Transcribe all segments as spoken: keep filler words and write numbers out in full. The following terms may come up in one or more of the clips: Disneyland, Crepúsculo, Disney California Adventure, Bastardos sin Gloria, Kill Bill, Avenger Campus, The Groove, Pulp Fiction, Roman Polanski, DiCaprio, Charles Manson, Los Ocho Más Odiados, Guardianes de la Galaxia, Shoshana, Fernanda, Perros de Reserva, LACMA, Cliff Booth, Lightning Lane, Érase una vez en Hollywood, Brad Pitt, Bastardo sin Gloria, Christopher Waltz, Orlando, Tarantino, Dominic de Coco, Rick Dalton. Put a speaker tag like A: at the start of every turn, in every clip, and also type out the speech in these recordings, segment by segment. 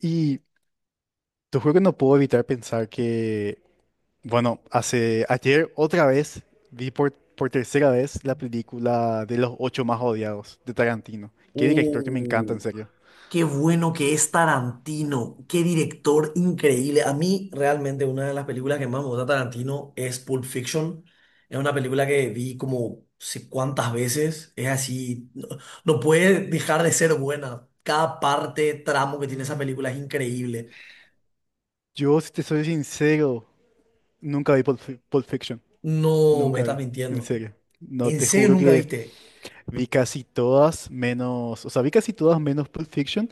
A: Y te juro que no puedo evitar pensar que, bueno, hace ayer otra vez vi por, por tercera vez la película de los ocho más odiados de Tarantino. Qué director que me encanta,
B: Oh,
A: en serio.
B: qué bueno que es Tarantino, qué director increíble. A mí realmente una de las películas que más me gusta de Tarantino es Pulp Fiction. Es una película que vi como sé cuántas veces. Es así, no, no puede dejar de ser buena. Cada parte, tramo que tiene esa película es increíble.
A: Yo, si te soy sincero, nunca vi Pulp, Fi- Pulp Fiction.
B: No, me
A: Nunca
B: estás
A: vi, en
B: mintiendo.
A: serio. No,
B: ¿En
A: te
B: serio
A: juro
B: nunca
A: que
B: viste?
A: vi casi todas menos, o sea, vi casi todas menos Pulp Fiction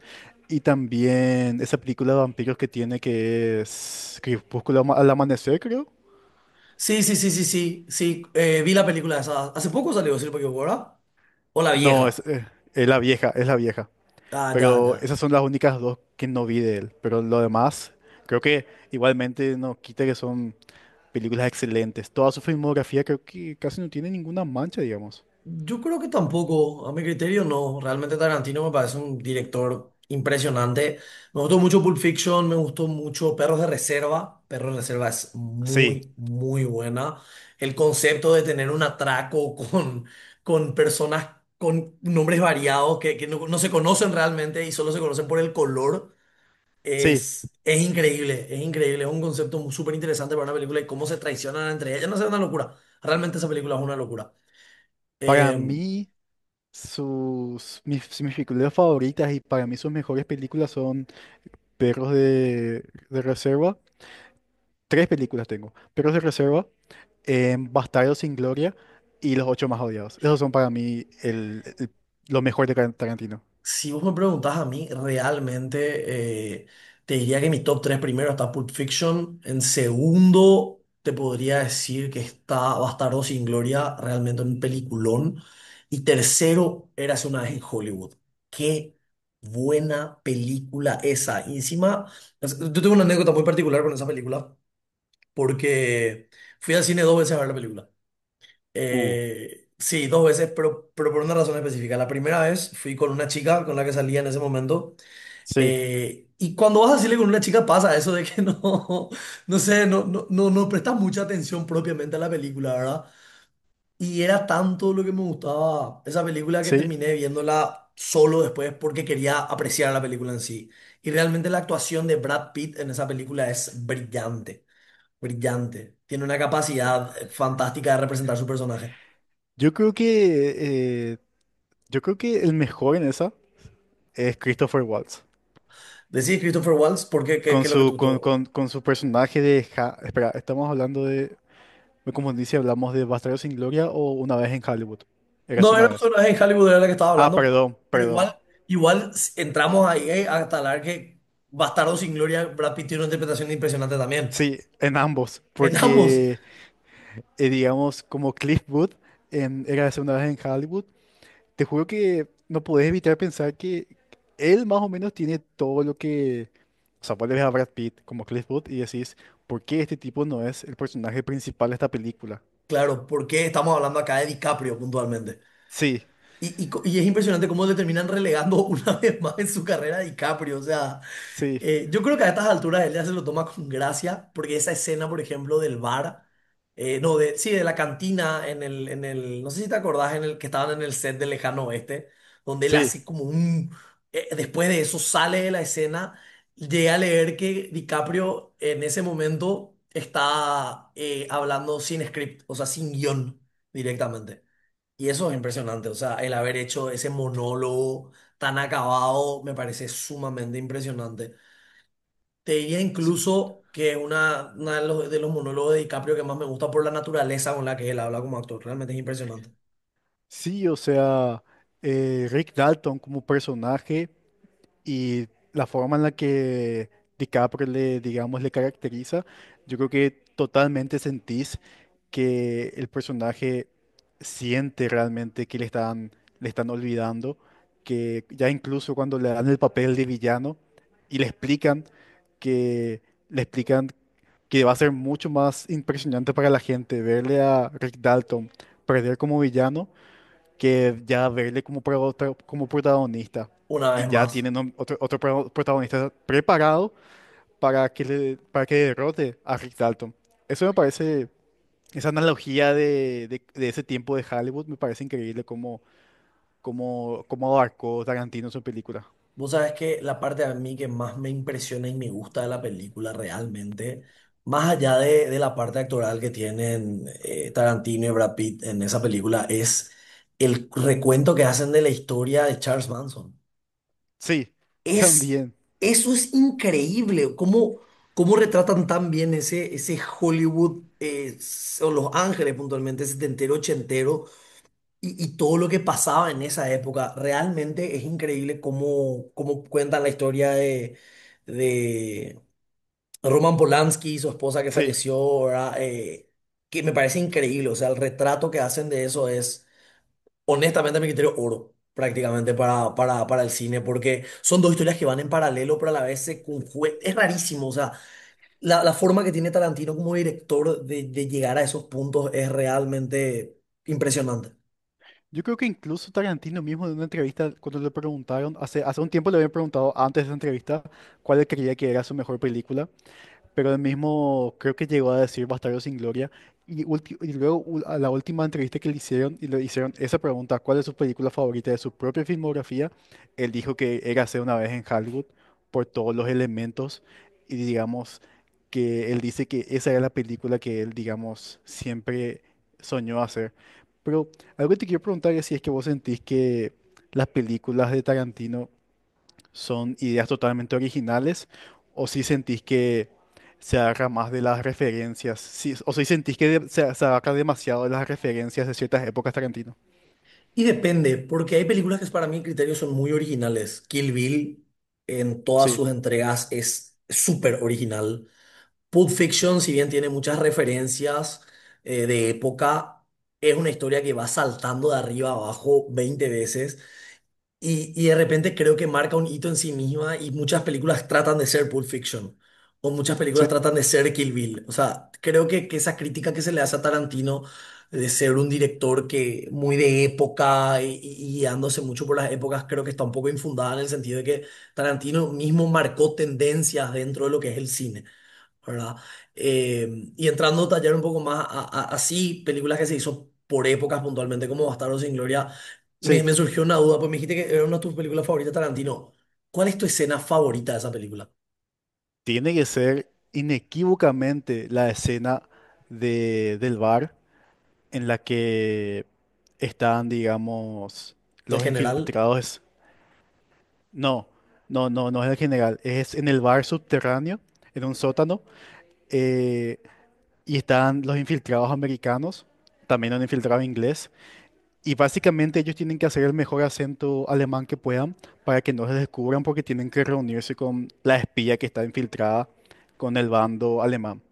A: y también esa película de vampiros que tiene que es Crepúsculo ama- al amanecer, creo.
B: Sí, sí, sí, sí, sí, sí. Eh, vi la película esa. Hace poco salió, si no me equivoco, ¿verdad? O la
A: No, es,
B: vieja.
A: eh, es la vieja, es la vieja.
B: Ah, ya,
A: Pero
B: ya.
A: esas son las únicas dos que no vi de él. Pero lo demás, creo que igualmente no quita que son películas excelentes. Toda su filmografía creo que casi no tiene ninguna mancha, digamos.
B: Yo creo que tampoco, a mi criterio no. Realmente Tarantino me parece un director impresionante. Me gustó mucho Pulp Fiction, me gustó mucho Perros de Reserva. Perros de Reserva es
A: Sí,
B: muy, muy buena. El concepto de tener un atraco con, con personas con nombres variados que, que no, no se conocen realmente y solo se conocen por el color
A: sí.
B: es, es increíble, es increíble. Es un concepto súper interesante para una película y cómo se traicionan entre ellas. No sé, es una locura. Realmente esa película es una locura.
A: Para
B: Em,
A: mí, sus, mis, si mis películas favoritas y para mí sus mejores películas son Perros de, de Reserva. Tres películas tengo. Perros de Reserva, en Bastardos sin Gloria y Los Ocho Más Odiados. Esos son para mí el, el- lo mejor de Tar- Tarantino.
B: Si vos me preguntás a mí, realmente eh, te diría que mi top tres primero está Pulp Fiction. En segundo, te podría decir que está Bastardo sin Gloria, realmente un peliculón. Y tercero, Érase una vez en Hollywood. Qué buena película esa. Y encima, es- yo tengo una anécdota muy particular con esa película, porque fui al cine dos veces a ver la película.
A: Uh,
B: Eh, sí, dos veces, pero, pero por una razón específica. La primera vez fui con una chica con la que salía en ese momento.
A: sí,
B: Eh, y cuando vas a salir con una chica pasa eso de que no, no sé, no, no, no, no prestas mucha atención propiamente a la película, ¿verdad? Y era tanto lo que me gustaba esa película que
A: sí.
B: terminé viéndola solo después porque quería apreciar la película en sí. Y realmente la actuación de Brad Pitt en esa película es brillante, brillante. Tiene una capacidad eh, fantástica de representar su personaje.
A: Yo creo que, eh, yo creo que el mejor en esa es Christopher Waltz.
B: Decís Christopher Waltz, ¿por qué? ¿Qué,
A: Con
B: qué es lo que
A: su,
B: tú
A: con,
B: todo.
A: con- con su personaje de... Ja- Espera, estamos hablando de... Me confundí si hablamos de Bastardos sin Gloria o Una vez en Hollywood. Eras
B: No, era
A: una
B: un
A: vez.
B: personaje en Hollywood, era la que estaba
A: Ah,
B: hablando,
A: perdón,
B: pero
A: perdón.
B: igual, igual entramos ahí eh, hasta hablar que Bastardo sin Gloria, Brad Pitt tiene una interpretación impresionante también.
A: Sí, en ambos.
B: En ambos,
A: Porque, eh, digamos, como Cliff Booth en Eras una vez en Hollywood, te juro que no podés evitar pensar que él más o menos tiene todo lo que... O sea, vos le ves a Brad Pitt como Cliff Booth y decís, ¿por qué este tipo no es el personaje principal de esta película?
B: claro, porque estamos hablando acá de DiCaprio puntualmente.
A: Sí,
B: Y, y, co- y es impresionante cómo le terminan relegando una vez más en su carrera a DiCaprio, o sea,
A: sí,
B: Eh, yo creo que a estas alturas él ya se lo toma con gracia, porque esa escena, por ejemplo, del bar, eh, no, de, sí, de la cantina, en el, en el, no sé si te acordás, en el que estaban en el set de Lejano Oeste, donde él
A: sí,
B: hace como un, eh, después de eso sale de la escena, llega a leer que DiCaprio en ese momento está eh, hablando sin script, o sea, sin guión directamente. Y eso es impresionante, o sea, el haber hecho ese monólogo tan acabado me parece sumamente impresionante. Te diría
A: sí,
B: incluso que es una, una de los, de los monólogos de DiCaprio que más me gusta por la naturaleza con la que él habla como actor. Realmente es impresionante.
A: sí, o sea, eh, Rick Dalton como personaje. Y la forma en la que DiCaprio le, digamos, le caracteriza, yo creo que totalmente sentís que el personaje siente realmente que le están, le están olvidando, que ya incluso cuando le dan el papel de villano y le explican que le explican que va a ser mucho más impresionante para la gente verle a Rick Dalton perder como villano que ya verle como, pro- pro- como protagonista
B: Una
A: y
B: vez
A: ya
B: más,
A: tienen un- otro, otro pro- protagonista preparado para que, le- para que derrote a Rick Dalton. Eso me parece, esa analogía de, de- de ese tiempo de Hollywood me parece increíble cómo, cómo, cómo abarcó Tarantino su película.
B: vos sabes que la parte a mí que más me impresiona y me gusta de la película realmente, más allá de, de la parte actoral que tienen eh, Tarantino y Brad Pitt en esa película, es el recuento que hacen de la historia de Charles Manson.
A: Sí,
B: Es,
A: también,
B: eso es increíble, cómo, cómo retratan tan bien ese, ese Hollywood, eh, o Los Ángeles puntualmente, setentero, ochentero, y, y todo lo que pasaba en esa época. Realmente es increíble cómo, cómo cuentan la historia de, de Roman Polanski, su esposa que
A: sí.
B: falleció, ¿verdad? Eh, que me parece increíble, o sea, el retrato que hacen de eso es. Honestamente, a mi criterio, oro prácticamente para, para, para el cine, porque son dos historias que van en paralelo, pero a la vez se conjugan. Es rarísimo, o sea, la, la forma que tiene Tarantino como director de, de llegar a esos puntos es realmente impresionante.
A: Yo creo que incluso Tarantino mismo en una entrevista, cuando le preguntaron, hace, hace un tiempo le habían preguntado antes de esa entrevista, cuál creía que era su mejor película. Pero él mismo creo que llegó a decir Bastardo sin Gloria. Y, ulti- y luego u- a la última entrevista que le hicieron y le hicieron esa pregunta, ¿cuál es su película favorita de su propia filmografía? Él dijo que Érase una vez en Hollywood por todos los elementos y digamos que él dice que esa era la película que él, digamos, siempre soñó hacer. Pero algo que te quiero preguntar es si es que vos sentís que las películas de Tarantino son ideas totalmente originales o si sentís que se agarra más de las referencias, si- o si sentís que de- se, se agarra demasiado de las referencias de ciertas épocas Tarantino.
B: Y depende, porque hay películas que para mi criterio son muy originales. Kill Bill en todas
A: Sí,
B: sus entregas es súper original. Pulp Fiction, si bien tiene muchas referencias eh, de época, es una historia que va saltando de arriba a abajo veinte veces. Y, y de repente creo que marca un hito en sí misma y muchas películas tratan de ser Pulp Fiction o muchas
A: sí,
B: películas tratan de ser Kill Bill. O sea, creo que, que esa crítica que se le hace a Tarantino de ser un director que muy de época y, y y guiándose mucho por las épocas, creo que está un poco infundada en el sentido de que Tarantino mismo marcó tendencias dentro de lo que es el cine. ¿Verdad? Eh, y entrando a tallar un poco más a, a- así, películas que se hizo por épocas puntualmente, como Bastardos sin Gloria, me,
A: sí.
B: me surgió una duda, pues me dijiste que era una de tus películas favoritas, Tarantino. ¿Cuál es tu escena favorita de esa película?
A: Tiene que ser inequívocamente la escena de, del bar en la que están, digamos,
B: El
A: los
B: general
A: infiltrados. No, no, no, no es el general, es en el bar subterráneo, en un sótano eh, y están los infiltrados americanos, también un infiltrado inglés, y básicamente ellos tienen que hacer el mejor acento alemán que puedan para que no se descubran porque tienen que reunirse con la espía que está infiltrada con el bando alemán.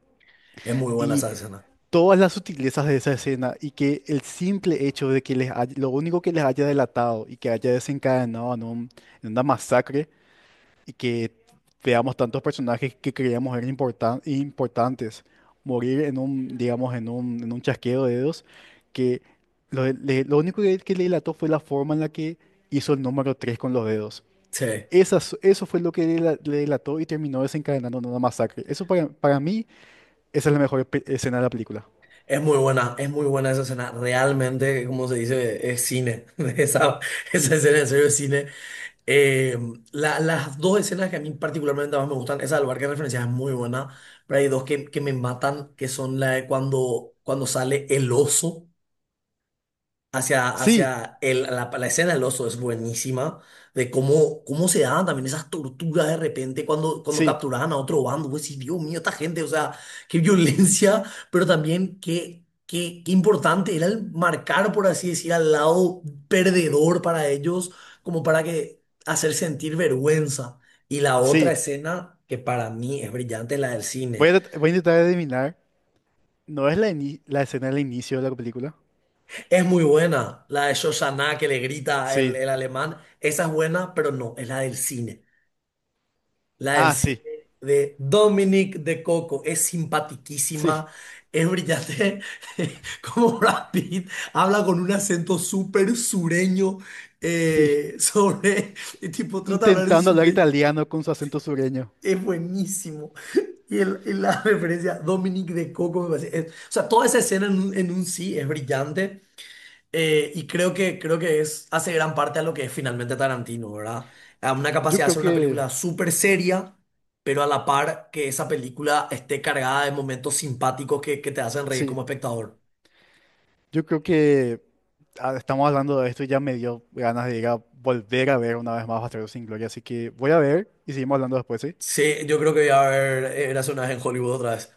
B: es muy buena
A: Y
B: esa escena.
A: todas las sutilezas de esa escena y que el simple hecho de que les hay- lo único que les haya delatado y que haya desencadenado en, un- en una masacre y que veamos tantos personajes que creíamos eran importan- importantes morir en un, digamos, en un, en un chasqueo de dedos, que lo, le- lo único que, que le delató fue la forma en la que hizo el número tres con los dedos.
B: Sí,
A: Esas- eso fue lo que le, dela- le delató y terminó desencadenando en una masacre. Eso para, para mí, esa es la mejor pe- escena de la película.
B: es muy buena, es muy buena esa escena. Realmente, como se dice, es cine. Esa, esa escena en serio es cine. Eh, la- las dos escenas que a mí particularmente más me gustan, esa del bar que referencias es muy buena, pero hay dos que, que me matan, que son la de cuando, cuando sale el oso hacia,
A: Sí,
B: hacia el, la, la escena del oso es buenísima, de cómo, cómo se daban también esas torturas de repente cuando, cuando
A: sí,
B: capturaban a otro bando. Pues sí, Dios mío, esta gente, o sea, qué violencia, pero también qué, qué, qué importante era el marcar, por así decir, al lado perdedor para ellos, como para que hacer sentir vergüenza. Y la otra
A: sí.
B: escena que para mí es brillante es la del
A: Voy
B: cine.
A: a, trat- voy a intentar adivinar. ¿No es la, ini- la escena del inicio de la película?
B: Es muy buena. La de Shoshana que le grita el,
A: Sí.
B: el alemán. Esa es buena, pero no, es la del cine. La del
A: Ah,
B: cine
A: sí,
B: de Dominic de Coco. Es simpatiquísima,
A: sí,
B: es brillante. Como Brad Pitt habla con un acento súper sureño
A: sí.
B: eh, sobre. El tipo trata de hablar en
A: Intentando hablar
B: sureño.
A: italiano con su acento sureño.
B: Es buenísimo. Y, el- y la referencia Dominic de Coco me parece. Es- o sea, toda esa escena en, un- en un sí es brillante. Eh, y creo que, creo que es, hace gran parte a lo que es finalmente Tarantino, ¿verdad? A una
A: Yo
B: capacidad de
A: creo
B: hacer una
A: que,
B: película súper seria, pero a la par que esa película esté cargada de momentos simpáticos que, que te hacen reír
A: sí,
B: como espectador.
A: yo creo que ah, estamos hablando de esto y ya me dio ganas de ir a volver a ver una vez más Bastardos sin Gloria, así que voy a ver y seguimos hablando después, ¿sí?
B: Sí, yo creo que voy a ver eh, Érase una vez en Hollywood otra vez.